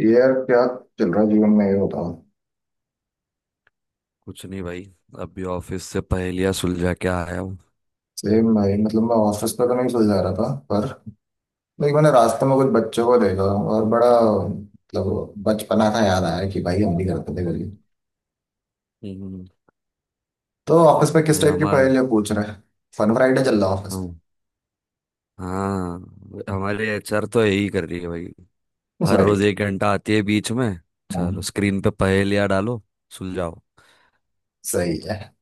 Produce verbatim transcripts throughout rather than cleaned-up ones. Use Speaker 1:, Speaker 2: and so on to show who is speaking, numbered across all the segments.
Speaker 1: यार, क्या चल रहा है जीवन में, ये बताओ।
Speaker 2: कुछ नहीं भाई। अभी ऑफिस से पहेलियां सुलझा के आया हूँ।
Speaker 1: सेम भाई, मतलब मैं ऑफिस पे तो नहीं सो जा रहा था, पर लाइक मैंने रास्ते में कुछ बच्चों को देखा और बड़ा, मतलब बचपना का याद आया कि भाई हम भी करते थे गली।
Speaker 2: हम्म,
Speaker 1: तो ऑफिस पे किस
Speaker 2: भाई
Speaker 1: टाइप की
Speaker 2: हमारा।
Speaker 1: पहेलियां पूछ रहे हैं? फन फ्राइडे चल रहा है ऑफिस।
Speaker 2: हम। हाँ। हमारे एचआर तो यही कर रही है भाई।
Speaker 1: उस
Speaker 2: हर
Speaker 1: भाई।
Speaker 2: रोज एक घंटा आती है बीच में।
Speaker 1: हम्म।
Speaker 2: चलो स्क्रीन पे पहेलियां डालो, सुलझाओ।
Speaker 1: सही है।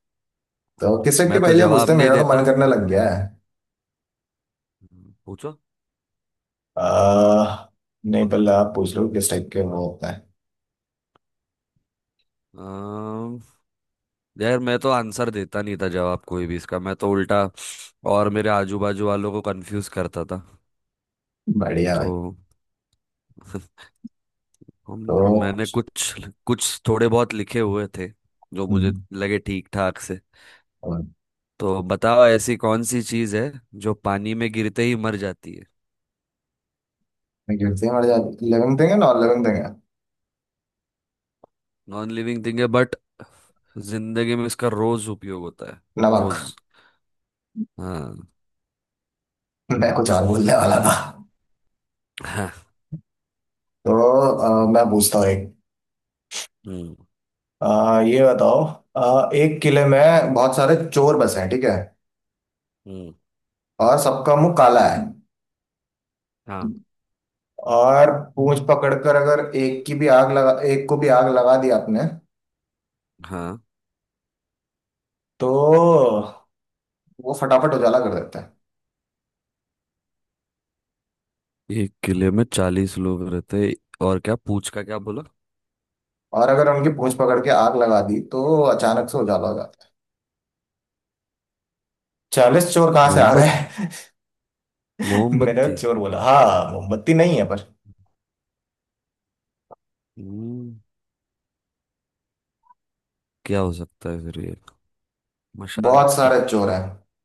Speaker 1: तो किस टाइप की
Speaker 2: मैं तो
Speaker 1: पहेलियां पूछते
Speaker 2: जवाब
Speaker 1: हैं?
Speaker 2: नहीं
Speaker 1: मेरा तो मन
Speaker 2: देता।
Speaker 1: करने लग गया है।
Speaker 2: पूछो।
Speaker 1: आ, नहीं, पहले आप पूछ लो किस टाइप के वो होता है।
Speaker 2: अम, यार मैं तो आंसर देता नहीं था, जवाब कोई भी इसका। मैं तो उल्टा और मेरे आजू बाजू वालों को कंफ्यूज करता था।
Speaker 1: बढ़िया
Speaker 2: तो
Speaker 1: भाई।
Speaker 2: हम
Speaker 1: तो।
Speaker 2: मैंने कुछ कुछ थोड़े बहुत लिखे हुए थे, जो मुझे
Speaker 1: हम्म।
Speaker 2: लगे ठीक ठाक से।
Speaker 1: और।
Speaker 2: तो बताओ, ऐसी कौन सी चीज है जो पानी में गिरते ही मर जाती है।
Speaker 1: मैं गिरते हैं मर जाते, लिविंग थिंग है, नॉन लिविंग थिंग है?
Speaker 2: नॉन लिविंग थिंग है बट जिंदगी में इसका रोज उपयोग होता है।
Speaker 1: नमक।
Speaker 2: रोज। हाँ।
Speaker 1: मैं कुछ और बोलने वाला था।
Speaker 2: हाँ।
Speaker 1: तो अ, मैं पूछता हूँ एक।
Speaker 2: हम्म।
Speaker 1: अ, ये बताओ। अ, एक किले में बहुत सारे चोर बसे हैं, ठीक है।
Speaker 2: हम्म।
Speaker 1: और सबका मुंह काला है।
Speaker 2: हाँ।
Speaker 1: और पूंछ पकड़कर अगर एक की भी आग लगा एक को भी आग लगा दी आपने।
Speaker 2: हाँ।
Speaker 1: तो वो फटाफट उजाला कर देते हैं।
Speaker 2: एक किले में चालीस लोग रहते हैं। और क्या पूछ का क्या बोला।
Speaker 1: और अगर उनकी पूंछ पकड़ के आग लगा दी तो अचानक से उजाला हो जाता है। चालीस चोर कहाँ से आ
Speaker 2: मोहम्मद।
Speaker 1: गए? मैंने
Speaker 2: मोमबत्ती।
Speaker 1: चोर बोला, हाँ मोमबत्ती नहीं है पर।
Speaker 2: हम्म। क्या हो सकता है फिर ये। मशाल।
Speaker 1: बहुत सारे चोर हैं।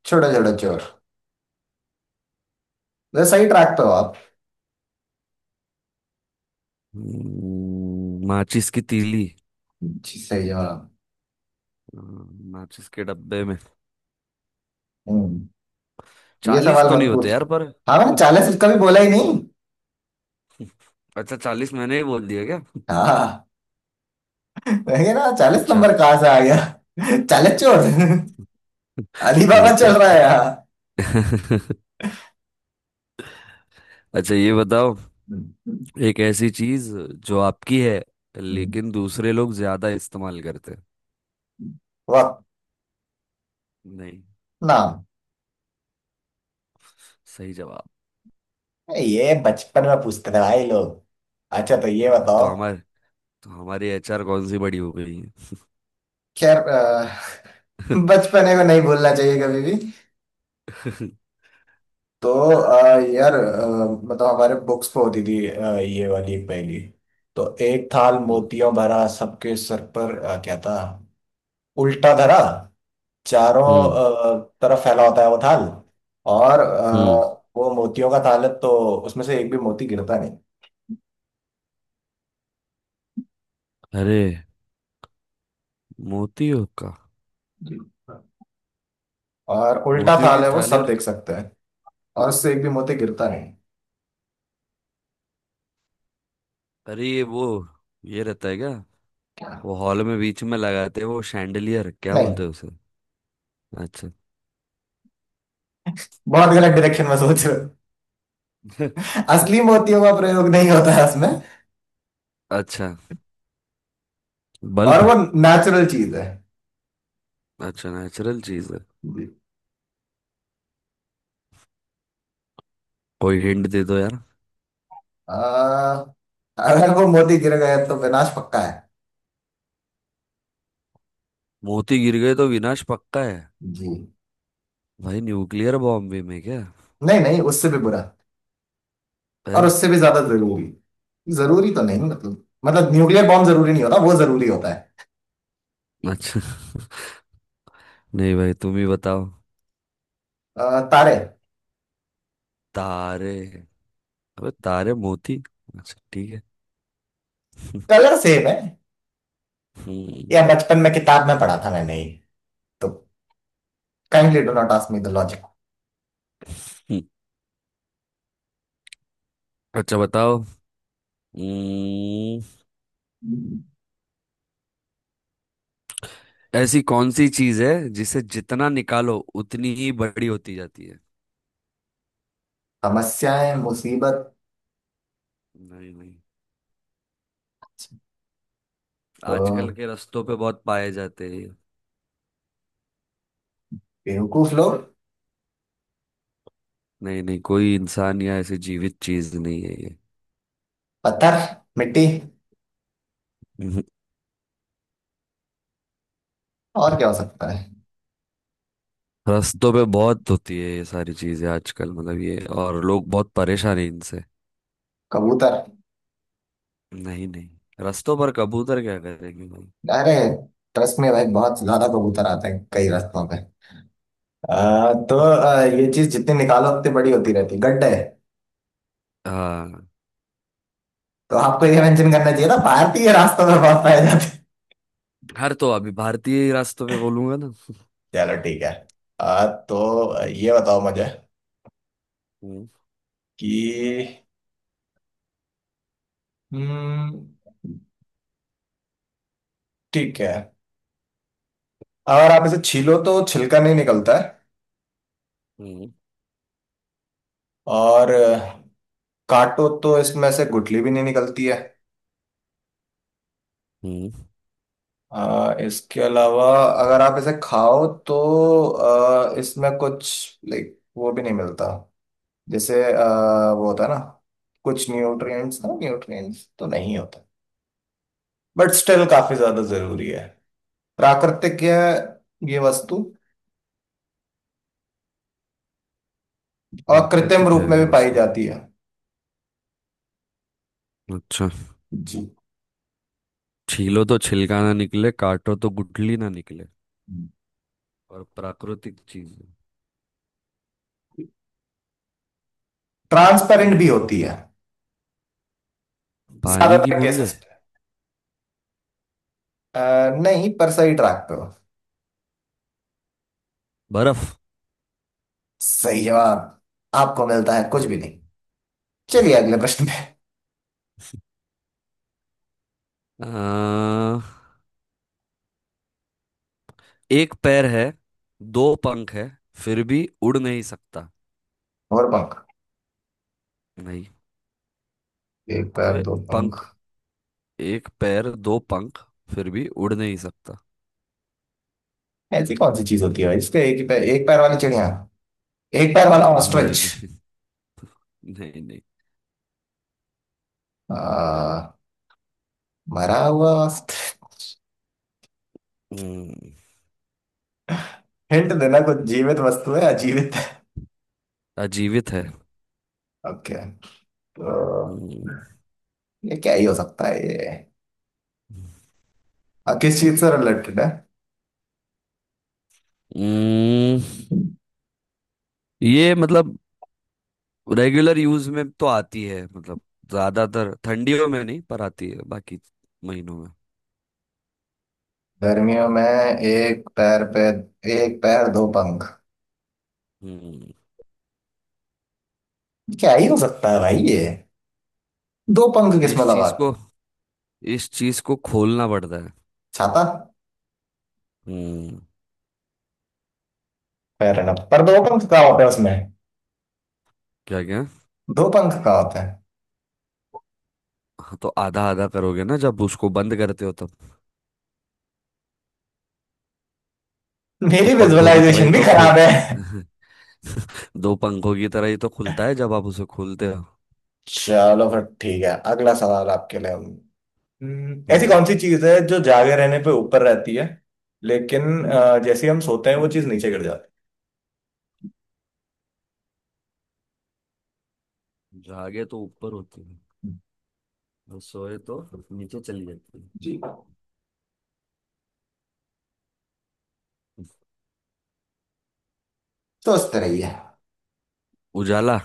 Speaker 1: छोटे छोटे चोर। वैसे सही ट्रैक पे हो आप।
Speaker 2: हम्म, माचिस की तीली।
Speaker 1: जी, सही जवाब।
Speaker 2: हाँ, माचिस के डब्बे में
Speaker 1: हम्म। ये
Speaker 2: चालीस
Speaker 1: सवाल
Speaker 2: तो
Speaker 1: मत
Speaker 2: नहीं होते
Speaker 1: पूछ।
Speaker 2: यार पर।
Speaker 1: हाँ, मैंने चालीस उसका भी बोला ही नहीं।
Speaker 2: अच्छा, चालीस मैंने ही बोल दिया क्या।
Speaker 1: हाँ, मैं कह रहा चालीस
Speaker 2: अच्छा।
Speaker 1: नंबर कहाँ से आ गया? चालीस चोर। अली बाबा
Speaker 2: अच्छा।
Speaker 1: चल रहा
Speaker 2: अच्छा।
Speaker 1: है यहाँ।
Speaker 2: अच्छा, ये बताओ।
Speaker 1: हम्म।
Speaker 2: एक ऐसी चीज जो आपकी है,
Speaker 1: हम्म।
Speaker 2: लेकिन दूसरे लोग ज्यादा इस्तेमाल करते हैं।
Speaker 1: वक्त।
Speaker 2: नहीं।
Speaker 1: नाम।
Speaker 2: सही जवाब।
Speaker 1: ये बचपन में पूछते थे भाई लोग। अच्छा, तो ये
Speaker 2: हाँ तो
Speaker 1: बताओ।
Speaker 2: हमारे, तो हमारी एच आर कौन सी बड़ी हो गई है।
Speaker 1: खैर, अ, बचपने को नहीं भूलना चाहिए कभी भी। तो अ, यार, अ, मतलब हमारे बुक्स पे होती थी अ, ये वाली पहली। तो एक थाल
Speaker 2: हम्म।
Speaker 1: मोतियों भरा सबके सर पर, अ, क्या था? उल्टा धरा। चारों
Speaker 2: हम्म।
Speaker 1: अ, तरफ फैला होता है वो थाल। और
Speaker 2: हम्म।
Speaker 1: अ, वो मोतियों का थाल है तो। उसमें से एक भी मोती गिरता नहीं।
Speaker 2: अरे, मोतियों का।
Speaker 1: और उल्टा
Speaker 2: मोतियों
Speaker 1: थाल
Speaker 2: की
Speaker 1: है, वो
Speaker 2: थाली
Speaker 1: सब
Speaker 2: और।
Speaker 1: देख सकते हैं। और उससे एक भी मोती गिरता नहीं।
Speaker 2: अरे, ये वो, ये रहता है क्या?
Speaker 1: क्या?
Speaker 2: वो हॉल में बीच में लगाते हैं वो शैंडलियर, क्या
Speaker 1: नहीं।
Speaker 2: बोलते हैं उसे। अच्छा।
Speaker 1: बहुत गलत डायरेक्शन में सोच रहे हो। असली मोतियों का प्रयोग नहीं होता है उसमें।
Speaker 2: अच्छा।
Speaker 1: और
Speaker 2: बल्ब।
Speaker 1: वो नेचुरल चीज है।
Speaker 2: अच्छा, नेचुरल चीज है।
Speaker 1: जी।
Speaker 2: कोई हिंट दे दो यार।
Speaker 1: आ, अगर वो मोती गिर गए तो विनाश पक्का है।
Speaker 2: मोती गिर गए तो विनाश पक्का है।
Speaker 1: जी।
Speaker 2: भाई न्यूक्लियर बॉम्ब भी में क्या
Speaker 1: नहीं, नहीं, उससे भी बुरा। और
Speaker 2: है।
Speaker 1: उससे भी ज्यादा जरूरी। जरूरी तो नहीं, मतलब मतलब न्यूक्लियर बॉम्ब जरूरी नहीं होता, वो जरूरी होता है।
Speaker 2: अच्छा। नहीं भाई तुम ही बताओ।
Speaker 1: अ, तारे।
Speaker 2: तारे। अबे तारे मोती। अच्छा ठीक है।
Speaker 1: कलर सेम है।
Speaker 2: हम्म।
Speaker 1: या बचपन में किताब में पढ़ा था मैंने ये। तो kindly do not ask me the logic.
Speaker 2: हम्म। अच्छा बताओ। हम्म, ऐसी कौन सी चीज है जिसे जितना निकालो उतनी ही बड़ी होती जाती है।
Speaker 1: समस्याएं, मुसीबत।
Speaker 2: नहीं नहीं। आजकल
Speaker 1: तो
Speaker 2: के रास्तों पे बहुत पाए जाते हैं ये।
Speaker 1: बेवकूफ लोग।
Speaker 2: नहीं नहीं, कोई इंसान या ऐसी जीवित चीज नहीं है ये।
Speaker 1: पत्थर, मिट्टी।
Speaker 2: हम्म।
Speaker 1: और क्या हो सकता है?
Speaker 2: रास्तों पे बहुत होती है ये सारी चीजें आजकल, मतलब ये, और लोग बहुत परेशान हैं इनसे।
Speaker 1: कबूतर।
Speaker 2: नहीं नहीं, रास्तों पर कबूतर क्या करेंगे भाई।
Speaker 1: अरे, ट्रस्ट में भाई बहुत ज्यादा कबूतर आते हैं कई रास्तों पे। अ, तो अ, ये चीज जितनी निकालो उतनी बड़ी होती रहती, गड्ढे।
Speaker 2: हाँ।
Speaker 1: तो आपको ये मेंशन करना चाहिए था, भारतीय रास्तों में बहुत पाए जाते हैं।
Speaker 2: हर तो अभी भारतीय रास्तों पे बोलूंगा ना।
Speaker 1: चलो, ठीक है। आ, तो
Speaker 2: हम्म।
Speaker 1: ये बताओ मुझे।
Speaker 2: हम्म।
Speaker 1: कि। हम्म। ठीक है। अगर आप इसे छीलो तो छिलका नहीं निकलता है।
Speaker 2: हम्म।
Speaker 1: और अ, काटो तो इसमें से गुठली भी नहीं निकलती है।
Speaker 2: हम्म।
Speaker 1: अ, इसके अलावा। अगर आप इसे खाओ तो। अ, इसमें कुछ लाइक वो भी नहीं मिलता। जैसे अ, वो होता है ना। कुछ न्यूट्रिएंट्स, ना न्यूट्रिएंट्स तो नहीं होता। बट स्टिल काफी ज्यादा जरूरी है। प्राकृतिक है ये वस्तु। और कृत्रिम
Speaker 2: प्राकृतिक
Speaker 1: रूप
Speaker 2: है
Speaker 1: में
Speaker 2: ये
Speaker 1: भी पाई
Speaker 2: वस्तु।
Speaker 1: जाती है।
Speaker 2: अच्छा,
Speaker 1: जी।
Speaker 2: छीलो तो छिलका ना निकले, काटो तो गुठली ना निकले, और प्राकृतिक चीज है।
Speaker 1: ट्रांसपेरेंट भी
Speaker 2: हम्म।
Speaker 1: होती है।
Speaker 2: पानी की
Speaker 1: ज्यादातर
Speaker 2: बूंदे।
Speaker 1: केसेस पे। अ, नहीं, पर सही ट्रैक पे हो।
Speaker 2: बर्फ।
Speaker 1: सही जवाब। आपको मिलता है कुछ भी
Speaker 2: हम्म।
Speaker 1: नहीं। चलिए अगले प्रश्न पे।
Speaker 2: अ, एक पैर है, दो पंख है, फिर भी उड़ नहीं सकता।
Speaker 1: और पंख।
Speaker 2: नहीं।
Speaker 1: एक पैर,
Speaker 2: अबे
Speaker 1: दो पंख।
Speaker 2: पंख। एक पैर, दो पंख, फिर भी उड़ नहीं सकता।
Speaker 1: ऐसी कौन सी चीज होती है इसके, एक ही पैर, एक पैर वाली चिड़िया? एक पैर वाला ऑस्ट्रिच।
Speaker 2: नहीं नहीं। नहीं नहीं।
Speaker 1: मरा हुआ ऑस्ट्रिच।
Speaker 2: हम्म,
Speaker 1: हिंट देना, कुछ जीवित वस्तु है, अजीवित है?
Speaker 2: अजीवित है।
Speaker 1: ओके। तो।
Speaker 2: हम्म।
Speaker 1: ये क्या ही हो सकता है ये? आ, किस चीज से रिलेटेड है?
Speaker 2: हम्म, ये मतलब रेगुलर यूज में तो आती है, मतलब ज्यादातर ठंडियों में नहीं पर आती है बाकी महीनों में।
Speaker 1: गर्मियों में एक पैर पे। एक पैर, दो पंख।
Speaker 2: हम्म।
Speaker 1: क्या ही हो सकता है भाई ये? दो पंख किसमें
Speaker 2: इस चीज
Speaker 1: लगाते?
Speaker 2: को, इस चीज को खोलना पड़ता है।
Speaker 1: छाता।
Speaker 2: हम्म।
Speaker 1: पैर है ना, पर दो पंख कहाँ होते हैं उसमें?
Speaker 2: क्या क्या।
Speaker 1: दो पंख कहाँ होते हैं?
Speaker 2: हाँ तो आधा आधा करोगे ना जब उसको बंद करते हो तब। तो
Speaker 1: मेरी
Speaker 2: पंखों की तरह ही
Speaker 1: विजुअलाइजेशन भी
Speaker 2: तो
Speaker 1: खराब
Speaker 2: खुल।
Speaker 1: है।
Speaker 2: दो पंखों की तरह ही तो खुलता है जब आप उसे खोलते हो।
Speaker 1: चलो फिर ठीक है, अगला सवाल आपके लिए। हम्म, ऐसी
Speaker 2: हम्म।
Speaker 1: कौन सी चीज है जो जागे रहने पे ऊपर रहती है, लेकिन अ, जैसे ही हम सोते हैं वो चीज नीचे गिर जाती
Speaker 2: जागे तो ऊपर होती है,
Speaker 1: है।
Speaker 2: और सोए तो नीचे चली जाती है।
Speaker 1: जी। तो उस तरह ही है।
Speaker 2: उजाला।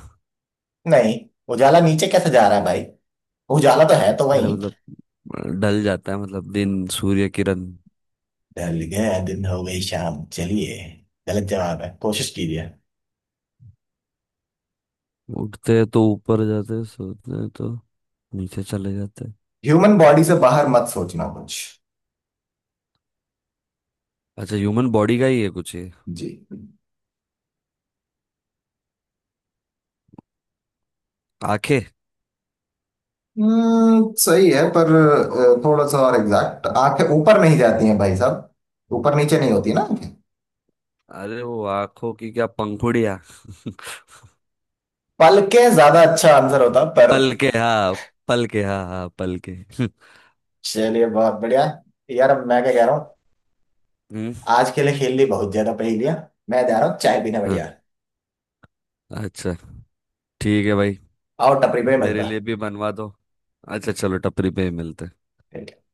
Speaker 1: नहीं। उजाला नीचे कैसे जा रहा है भाई? उजाला तो है तो
Speaker 2: अरे
Speaker 1: वही।
Speaker 2: मतलब, अ, ढल जाता है, मतलब दिन, सूर्य किरण।
Speaker 1: ढल गया दिन, हो गई शाम, चलिए। गलत जवाब है, कोशिश कीजिए।
Speaker 2: उठते हैं तो ऊपर जाते हैं, सोते हैं तो नीचे चले जाते हैं।
Speaker 1: ह्यूमन बॉडी से बाहर मत सोचना कुछ।
Speaker 2: अच्छा, ह्यूमन बॉडी का ही है कुछ ये।
Speaker 1: जी।
Speaker 2: आंखें।
Speaker 1: हम्म सही है, पर अ, थोड़ा सा और एग्जैक्ट। आंखें ऊपर नहीं जाती हैं भाई साहब, ऊपर नीचे नहीं होती ना आंखें।
Speaker 2: अरे वो आंखों की क्या, पंखुड़िया।
Speaker 1: पलके ज्यादा अच्छा आंसर होता, पर।
Speaker 2: पल के हाँ, पल के हाँ हाँ पल के।
Speaker 1: चलिए, बहुत बढ़िया। यार, अब मैं क्या कह रहा हूँ।
Speaker 2: हम्म।
Speaker 1: आज के लिए खेल ली बहुत ज्यादा पहेलियां। मैं जा रहा हूँ चाय पीने,
Speaker 2: हाँ।
Speaker 1: बढ़िया।
Speaker 2: अच्छा। ठीक है भाई।
Speaker 1: आओ टपरी पे,
Speaker 2: मेरे
Speaker 1: मिलता
Speaker 2: लिए भी बनवा दो। अच्छा चलो टपरी पे ही मिलते हैं।
Speaker 1: है।